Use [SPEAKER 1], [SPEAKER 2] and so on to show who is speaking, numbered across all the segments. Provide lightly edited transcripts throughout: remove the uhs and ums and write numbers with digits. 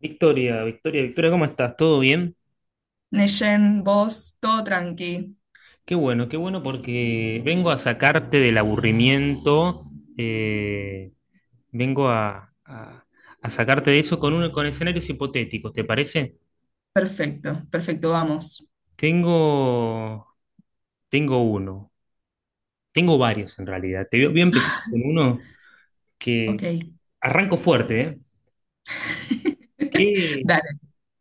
[SPEAKER 1] Victoria, Victoria, Victoria, ¿cómo estás? ¿Todo bien?
[SPEAKER 2] Neyen, vos, todo tranqui.
[SPEAKER 1] Qué bueno porque vengo a sacarte del aburrimiento. eh, Vengo a sacarte de eso con, uno, con escenarios hipotéticos, ¿te parece?
[SPEAKER 2] Perfecto, perfecto, vamos.
[SPEAKER 1] Tengo, tengo uno, tengo varios en realidad. Te voy a empezar con uno
[SPEAKER 2] Ok.
[SPEAKER 1] que arranco fuerte, ¿eh? ¿Qué,
[SPEAKER 2] Dale,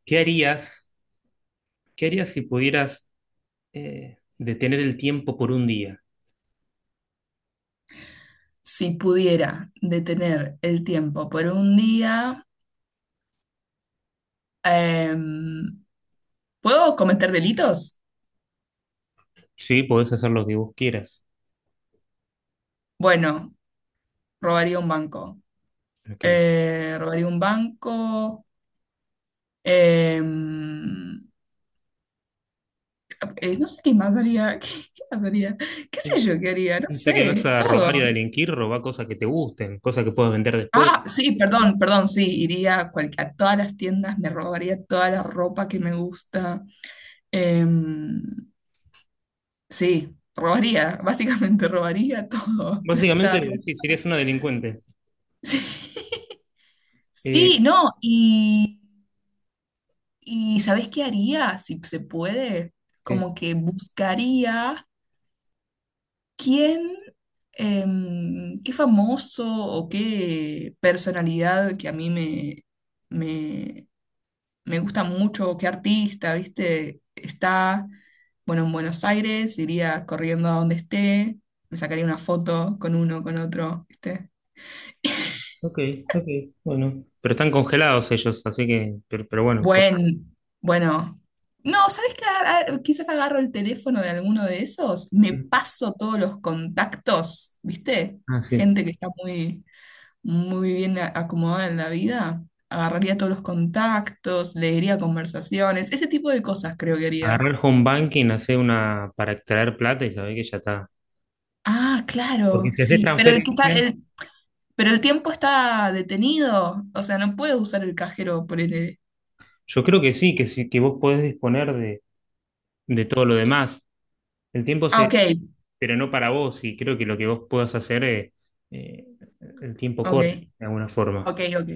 [SPEAKER 1] ¿qué harías, qué harías si pudieras detener el tiempo por un día?
[SPEAKER 2] si pudiera detener el tiempo por un día, em, ¿puedo cometer delitos?
[SPEAKER 1] Sí, podés hacer lo que vos quieras.
[SPEAKER 2] Bueno, robaría un banco.
[SPEAKER 1] Ok.
[SPEAKER 2] Robaría un banco. em, no sé qué más haría. ¿Qué más haría? ¿Qué sé yo qué haría? No
[SPEAKER 1] Y ya que vas
[SPEAKER 2] sé,
[SPEAKER 1] a
[SPEAKER 2] todo.
[SPEAKER 1] robar y a delinquir, roba cosas que te gusten, cosas que puedas vender después.
[SPEAKER 2] Ah, sí, perdón, perdón, sí, iría a, a todas las tiendas, me robaría toda la ropa que me gusta. Em, sí, robaría, básicamente robaría todo, plata,
[SPEAKER 1] Básicamente,
[SPEAKER 2] ropa.
[SPEAKER 1] sí, serías una delincuente.
[SPEAKER 2] Sí, sí,
[SPEAKER 1] Eh,
[SPEAKER 2] no, y ¿sabes qué haría? Si se puede,
[SPEAKER 1] ¿Qué?
[SPEAKER 2] como que buscaría quién, ¿qué famoso o qué personalidad que a mí me, me gusta mucho? ¿Qué artista, viste? Está, bueno, en Buenos Aires, iría corriendo a donde esté, me sacaría una foto con uno, con otro, ¿viste?
[SPEAKER 1] Ok, ok, bueno. Pero están congelados ellos, así que, pero bueno, pues.
[SPEAKER 2] Bueno, no, ¿sabes qué? Ah, quizás agarro el teléfono de alguno de esos, me paso todos los contactos, ¿viste?
[SPEAKER 1] Ah, sí.
[SPEAKER 2] Gente que está muy bien acomodada en la vida, agarraría todos los contactos, leería conversaciones, ese tipo de cosas creo que haría.
[SPEAKER 1] Agarrar el home banking, hacer una para extraer plata y saber que ya está.
[SPEAKER 2] Ah,
[SPEAKER 1] Porque
[SPEAKER 2] claro,
[SPEAKER 1] si haces
[SPEAKER 2] sí.
[SPEAKER 1] transferencia,
[SPEAKER 2] Pero el tiempo está detenido. O sea, no puede usar el cajero por el.
[SPEAKER 1] yo creo que sí, que sí, que vos podés disponer de todo lo demás. El tiempo
[SPEAKER 2] Ah, ok,
[SPEAKER 1] se, pero no para vos, y creo que lo que vos puedas hacer, eh, el tiempo
[SPEAKER 2] ok,
[SPEAKER 1] corre de alguna forma.
[SPEAKER 2] ok, ok.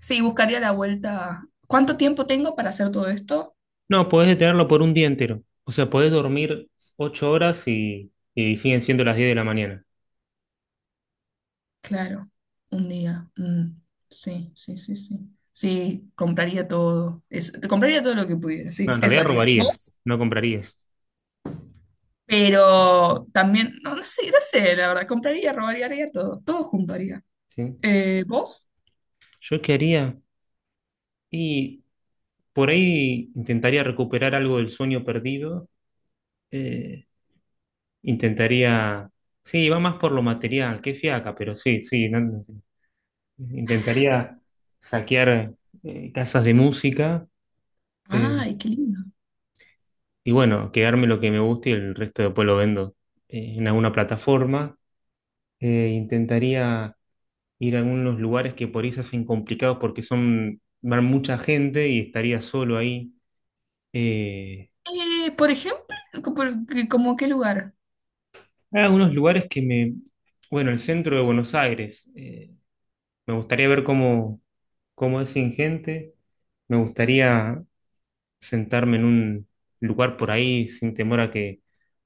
[SPEAKER 2] Sí, buscaría la vuelta. ¿Cuánto tiempo tengo para hacer todo esto?
[SPEAKER 1] No, podés detenerlo por un día entero. O sea, podés dormir 8 horas y siguen siendo las 10 de la mañana.
[SPEAKER 2] Claro, un día. Mm, sí, sí, sí, sí. Sí, compraría todo. Eso. Te compraría todo lo que pudiera,
[SPEAKER 1] No,
[SPEAKER 2] sí,
[SPEAKER 1] en
[SPEAKER 2] eso
[SPEAKER 1] realidad
[SPEAKER 2] haría.
[SPEAKER 1] robarías,
[SPEAKER 2] ¿Vos?
[SPEAKER 1] no comprarías.
[SPEAKER 2] Pero también, no, no sé, no sé, la verdad, compraría, robaría, haría todo. Todo junto haría.
[SPEAKER 1] ¿Sí?
[SPEAKER 2] ¿Vos?
[SPEAKER 1] ¿Yo qué haría? Y por ahí intentaría recuperar algo del sueño perdido. eh, intentaría... Sí, va más por lo material, qué fiaca, pero sí, sí. Sí, intentaría saquear casas de música. eh,
[SPEAKER 2] Ay, qué lindo.
[SPEAKER 1] y bueno, quedarme lo que me guste y el resto después lo vendo en alguna plataforma. Intentaría ir a algunos lugares que por ahí se hacen complicados porque son, van mucha gente y estaría solo ahí. Eh,
[SPEAKER 2] Por ejemplo, ¿como qué lugar?
[SPEAKER 1] Hay algunos lugares que me... Bueno, el centro de Buenos Aires. Me gustaría ver cómo, cómo es sin gente. Me gustaría sentarme en un lugar por ahí sin temor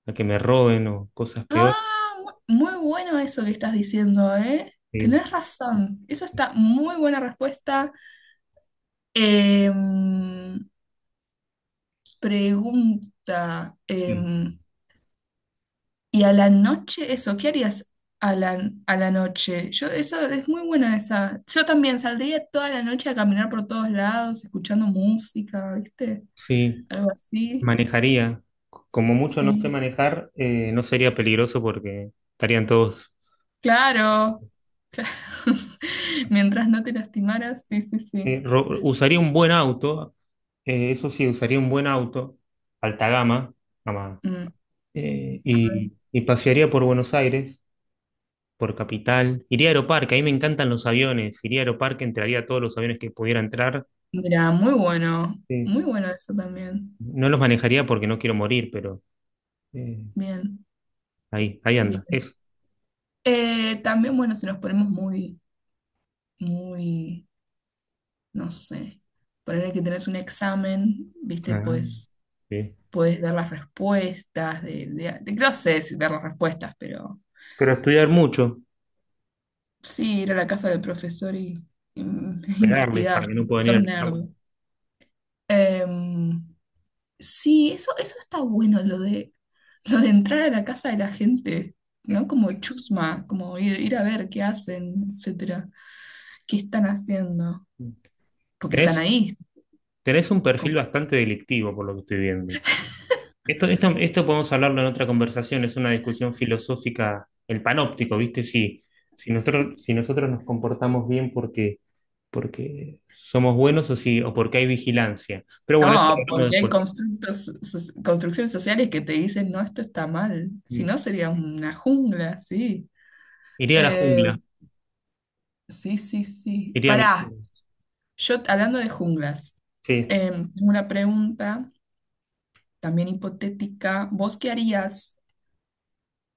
[SPEAKER 1] a que me roben o cosas peores.
[SPEAKER 2] Ah, muy bueno eso que estás diciendo, ¿eh?
[SPEAKER 1] Eh,
[SPEAKER 2] Tenés razón. Eso está muy buena respuesta. Em, pregunta.
[SPEAKER 1] sí,
[SPEAKER 2] ¿Y a la noche eso? ¿Qué harías a la noche? Yo, eso es muy buena esa. Yo también saldría toda la noche a caminar por todos lados, escuchando música, ¿viste?
[SPEAKER 1] sí.
[SPEAKER 2] Algo así.
[SPEAKER 1] Manejaría. Como mucho no sé
[SPEAKER 2] Sí.
[SPEAKER 1] manejar, no sería peligroso porque estarían todos.
[SPEAKER 2] Claro. Mientras no te lastimaras, sí, sí, sí.
[SPEAKER 1] Usaría un buen auto, eso sí, usaría un buen auto, alta gama, gama,
[SPEAKER 2] Mm, a ver.
[SPEAKER 1] y pasearía por Buenos Aires, por Capital. Iría a Aeroparque, ahí me encantan los aviones. Iría a Aeroparque, entraría a todos los aviones que pudiera entrar.
[SPEAKER 2] Mira, muy bueno, muy
[SPEAKER 1] Sí.
[SPEAKER 2] bueno eso también.
[SPEAKER 1] No los manejaría porque no quiero morir, pero eh,
[SPEAKER 2] Bien,
[SPEAKER 1] ahí, ahí anda,
[SPEAKER 2] bien.
[SPEAKER 1] eso.
[SPEAKER 2] También, bueno, si nos ponemos muy, no sé, ponerle que tenés un examen, viste,
[SPEAKER 1] Ah, sí.
[SPEAKER 2] puedes dar las respuestas, no sé si dar las respuestas, pero
[SPEAKER 1] Pero estudiar mucho,
[SPEAKER 2] sí, ir a la casa del profesor y
[SPEAKER 1] pegarles para
[SPEAKER 2] investigar.
[SPEAKER 1] que no puedan ir
[SPEAKER 2] Sos
[SPEAKER 1] al examen.
[SPEAKER 2] nerd. Em, sí, eso está bueno, lo de entrar a la casa de la gente, ¿no? Como chusma, como ir a ver qué hacen, etcétera, qué están haciendo, porque están
[SPEAKER 1] Tenés,
[SPEAKER 2] ahí.
[SPEAKER 1] tenés un perfil
[SPEAKER 2] con-
[SPEAKER 1] bastante delictivo por lo que estoy viendo. Esto podemos hablarlo en otra conversación, es una discusión filosófica, el panóptico, ¿viste? Si, si nosotros, si nosotros nos comportamos bien porque, porque somos buenos o, si, o porque hay vigilancia. Pero bueno, eso lo
[SPEAKER 2] No,
[SPEAKER 1] hablamos
[SPEAKER 2] porque hay
[SPEAKER 1] después.
[SPEAKER 2] constructos, construcciones sociales que te dicen, no, esto está mal, si
[SPEAKER 1] Mm.
[SPEAKER 2] no sería una jungla, sí.
[SPEAKER 1] Iría a la
[SPEAKER 2] Eh,
[SPEAKER 1] jungla,
[SPEAKER 2] sí, sí, sí.
[SPEAKER 1] iría a mi...
[SPEAKER 2] Pará, yo hablando de junglas,
[SPEAKER 1] Sí.
[SPEAKER 2] tengo una pregunta también hipotética, ¿vos qué harías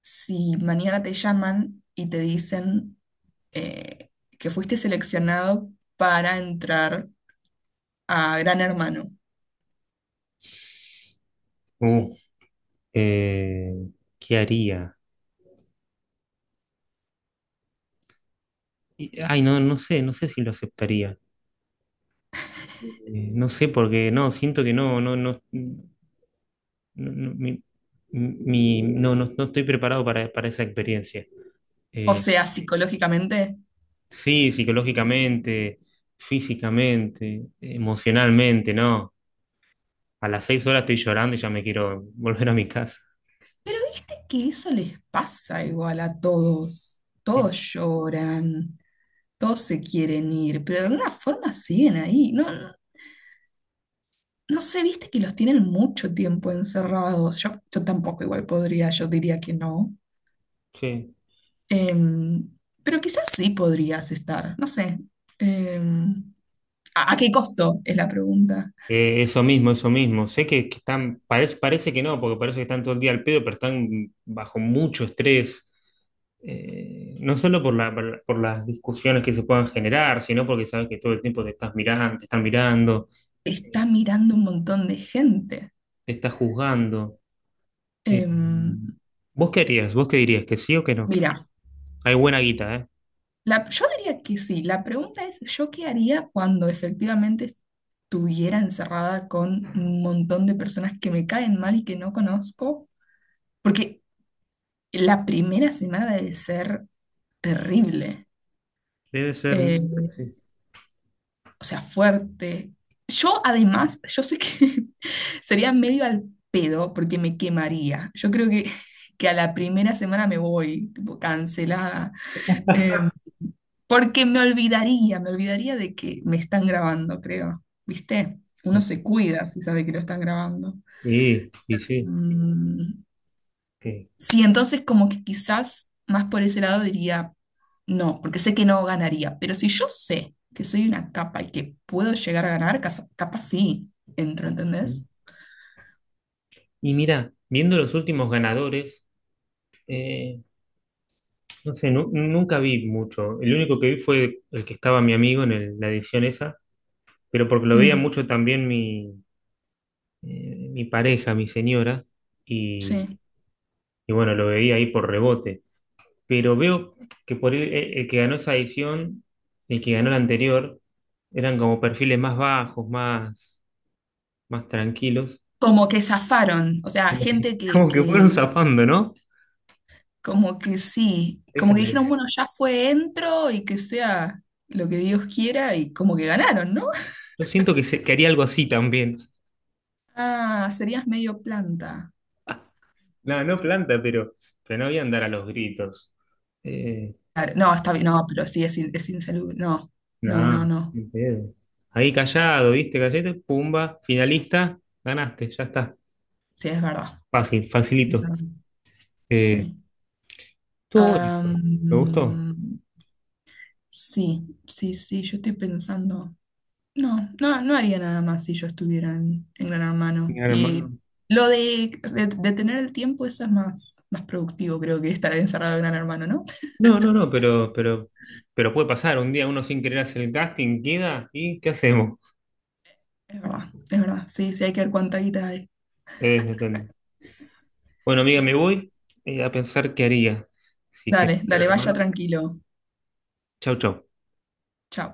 [SPEAKER 2] si mañana te llaman y te dicen eh, que fuiste seleccionado para entrar a Gran Hermano?
[SPEAKER 1] Uh, eh, ¿Qué haría? Ay, no, no sé, no sé si lo aceptaría. No sé, porque no, siento que no, no, no. No, no, no, no estoy preparado para esa experiencia.
[SPEAKER 2] O
[SPEAKER 1] Eh,
[SPEAKER 2] sea, psicológicamente.
[SPEAKER 1] sí, psicológicamente, físicamente, emocionalmente, ¿no? A las 6 horas estoy llorando y ya me quiero volver a mi casa.
[SPEAKER 2] Pero viste que eso les pasa igual a todos.
[SPEAKER 1] Mm.
[SPEAKER 2] Todos lloran, todos se quieren ir, pero de alguna forma siguen ahí. No, no, no sé, viste que los tienen mucho tiempo encerrados. Yo tampoco igual podría, yo diría que no.
[SPEAKER 1] Sí.
[SPEAKER 2] Em, pero quizás sí podrías estar, no sé. Em, ¿a a qué costo? Es la pregunta.
[SPEAKER 1] Eso mismo, eso mismo. Sé que están, parece, parece que no, porque parece que están todo el día al pedo, pero están bajo mucho estrés. No solo por la, por las discusiones que se puedan generar, sino porque sabes que todo el tiempo te estás mirando, te están mirando.
[SPEAKER 2] Está
[SPEAKER 1] eh,
[SPEAKER 2] mirando un montón de gente.
[SPEAKER 1] Te está juzgando. Eh,
[SPEAKER 2] Em,
[SPEAKER 1] ¿Vos qué harías? ¿Vos qué dirías? ¿Que sí o que no?
[SPEAKER 2] mira,
[SPEAKER 1] Hay buena guita, ¿eh?
[SPEAKER 2] yo diría que sí. La pregunta es, ¿yo qué haría cuando efectivamente estuviera encerrada con un montón de personas que me caen mal y que no conozco? Porque la primera semana debe ser terrible.
[SPEAKER 1] Debe ser muy...
[SPEAKER 2] Em,
[SPEAKER 1] Sí,
[SPEAKER 2] o sea, fuerte. Yo además, yo sé que sería medio al pedo porque me quemaría. Yo creo que a la primera semana me voy, tipo, cancelada. Eh, porque me olvidaría de que me están grabando, creo. ¿Viste? Uno se
[SPEAKER 1] ok.
[SPEAKER 2] cuida si sabe que lo están grabando.
[SPEAKER 1] Y sí,
[SPEAKER 2] Mm,
[SPEAKER 1] ok.
[SPEAKER 2] sí, entonces como que quizás más por ese lado diría no, porque sé que no ganaría, pero si yo sé que soy una capa y que puedo llegar a ganar, capaz sí, entro, ¿entendés?
[SPEAKER 1] Y mira, viendo los últimos ganadores, eh, no sé, nunca vi mucho. El único que vi fue el que estaba mi amigo en la edición esa, pero porque lo veía
[SPEAKER 2] Mm,
[SPEAKER 1] mucho también mi, mi pareja, mi señora, y,
[SPEAKER 2] sí.
[SPEAKER 1] y bueno, lo veía ahí por rebote. Pero veo que por el que ganó esa edición y el que ganó la anterior eran como perfiles más bajos, más, más tranquilos,
[SPEAKER 2] Como que zafaron, o sea,
[SPEAKER 1] como que,
[SPEAKER 2] gente
[SPEAKER 1] como que fueron
[SPEAKER 2] que
[SPEAKER 1] zapando, ¿no?
[SPEAKER 2] como que sí,
[SPEAKER 1] Esa
[SPEAKER 2] como
[SPEAKER 1] es
[SPEAKER 2] que
[SPEAKER 1] la
[SPEAKER 2] dijeron,
[SPEAKER 1] idea.
[SPEAKER 2] bueno, ya fue, entro y que sea lo que Dios quiera y como que ganaron, ¿no?
[SPEAKER 1] Yo siento que, se, que haría algo así también.
[SPEAKER 2] Ah, serías medio planta.
[SPEAKER 1] No, no planta, pero no voy a andar a los gritos. Eh,
[SPEAKER 2] Claro, no, está bien, no, pero sí, es, es insalud no, no, no,
[SPEAKER 1] no,
[SPEAKER 2] no,
[SPEAKER 1] ni pedo. Ahí callado, ¿viste? Callate, pumba, finalista, ganaste, ya está.
[SPEAKER 2] sí, es verdad.
[SPEAKER 1] Fácil, facilito. Eh,
[SPEAKER 2] Sí.
[SPEAKER 1] estuvo bonito. ¿Te gustó?
[SPEAKER 2] Am, sí, sí, sí, yo estoy pensando. No, no, no haría nada más si yo estuviera en Gran Hermano.
[SPEAKER 1] Gran
[SPEAKER 2] Y
[SPEAKER 1] hermano.
[SPEAKER 2] lo de tener el tiempo, eso es más, más productivo, creo que estar encerrado en Gran Hermano, ¿no?
[SPEAKER 1] No, no, no, pero puede pasar. Un día uno sin querer hacer el casting, queda y ¿qué hacemos?
[SPEAKER 2] Es verdad, es verdad. Sí, sí, hay que ver cuánta guita hay.
[SPEAKER 1] Depende. Bueno, amiga, me voy a pensar qué haría. Así que,
[SPEAKER 2] Dale, dale, vaya
[SPEAKER 1] hermano,
[SPEAKER 2] tranquilo.
[SPEAKER 1] chau, chau.
[SPEAKER 2] Chao.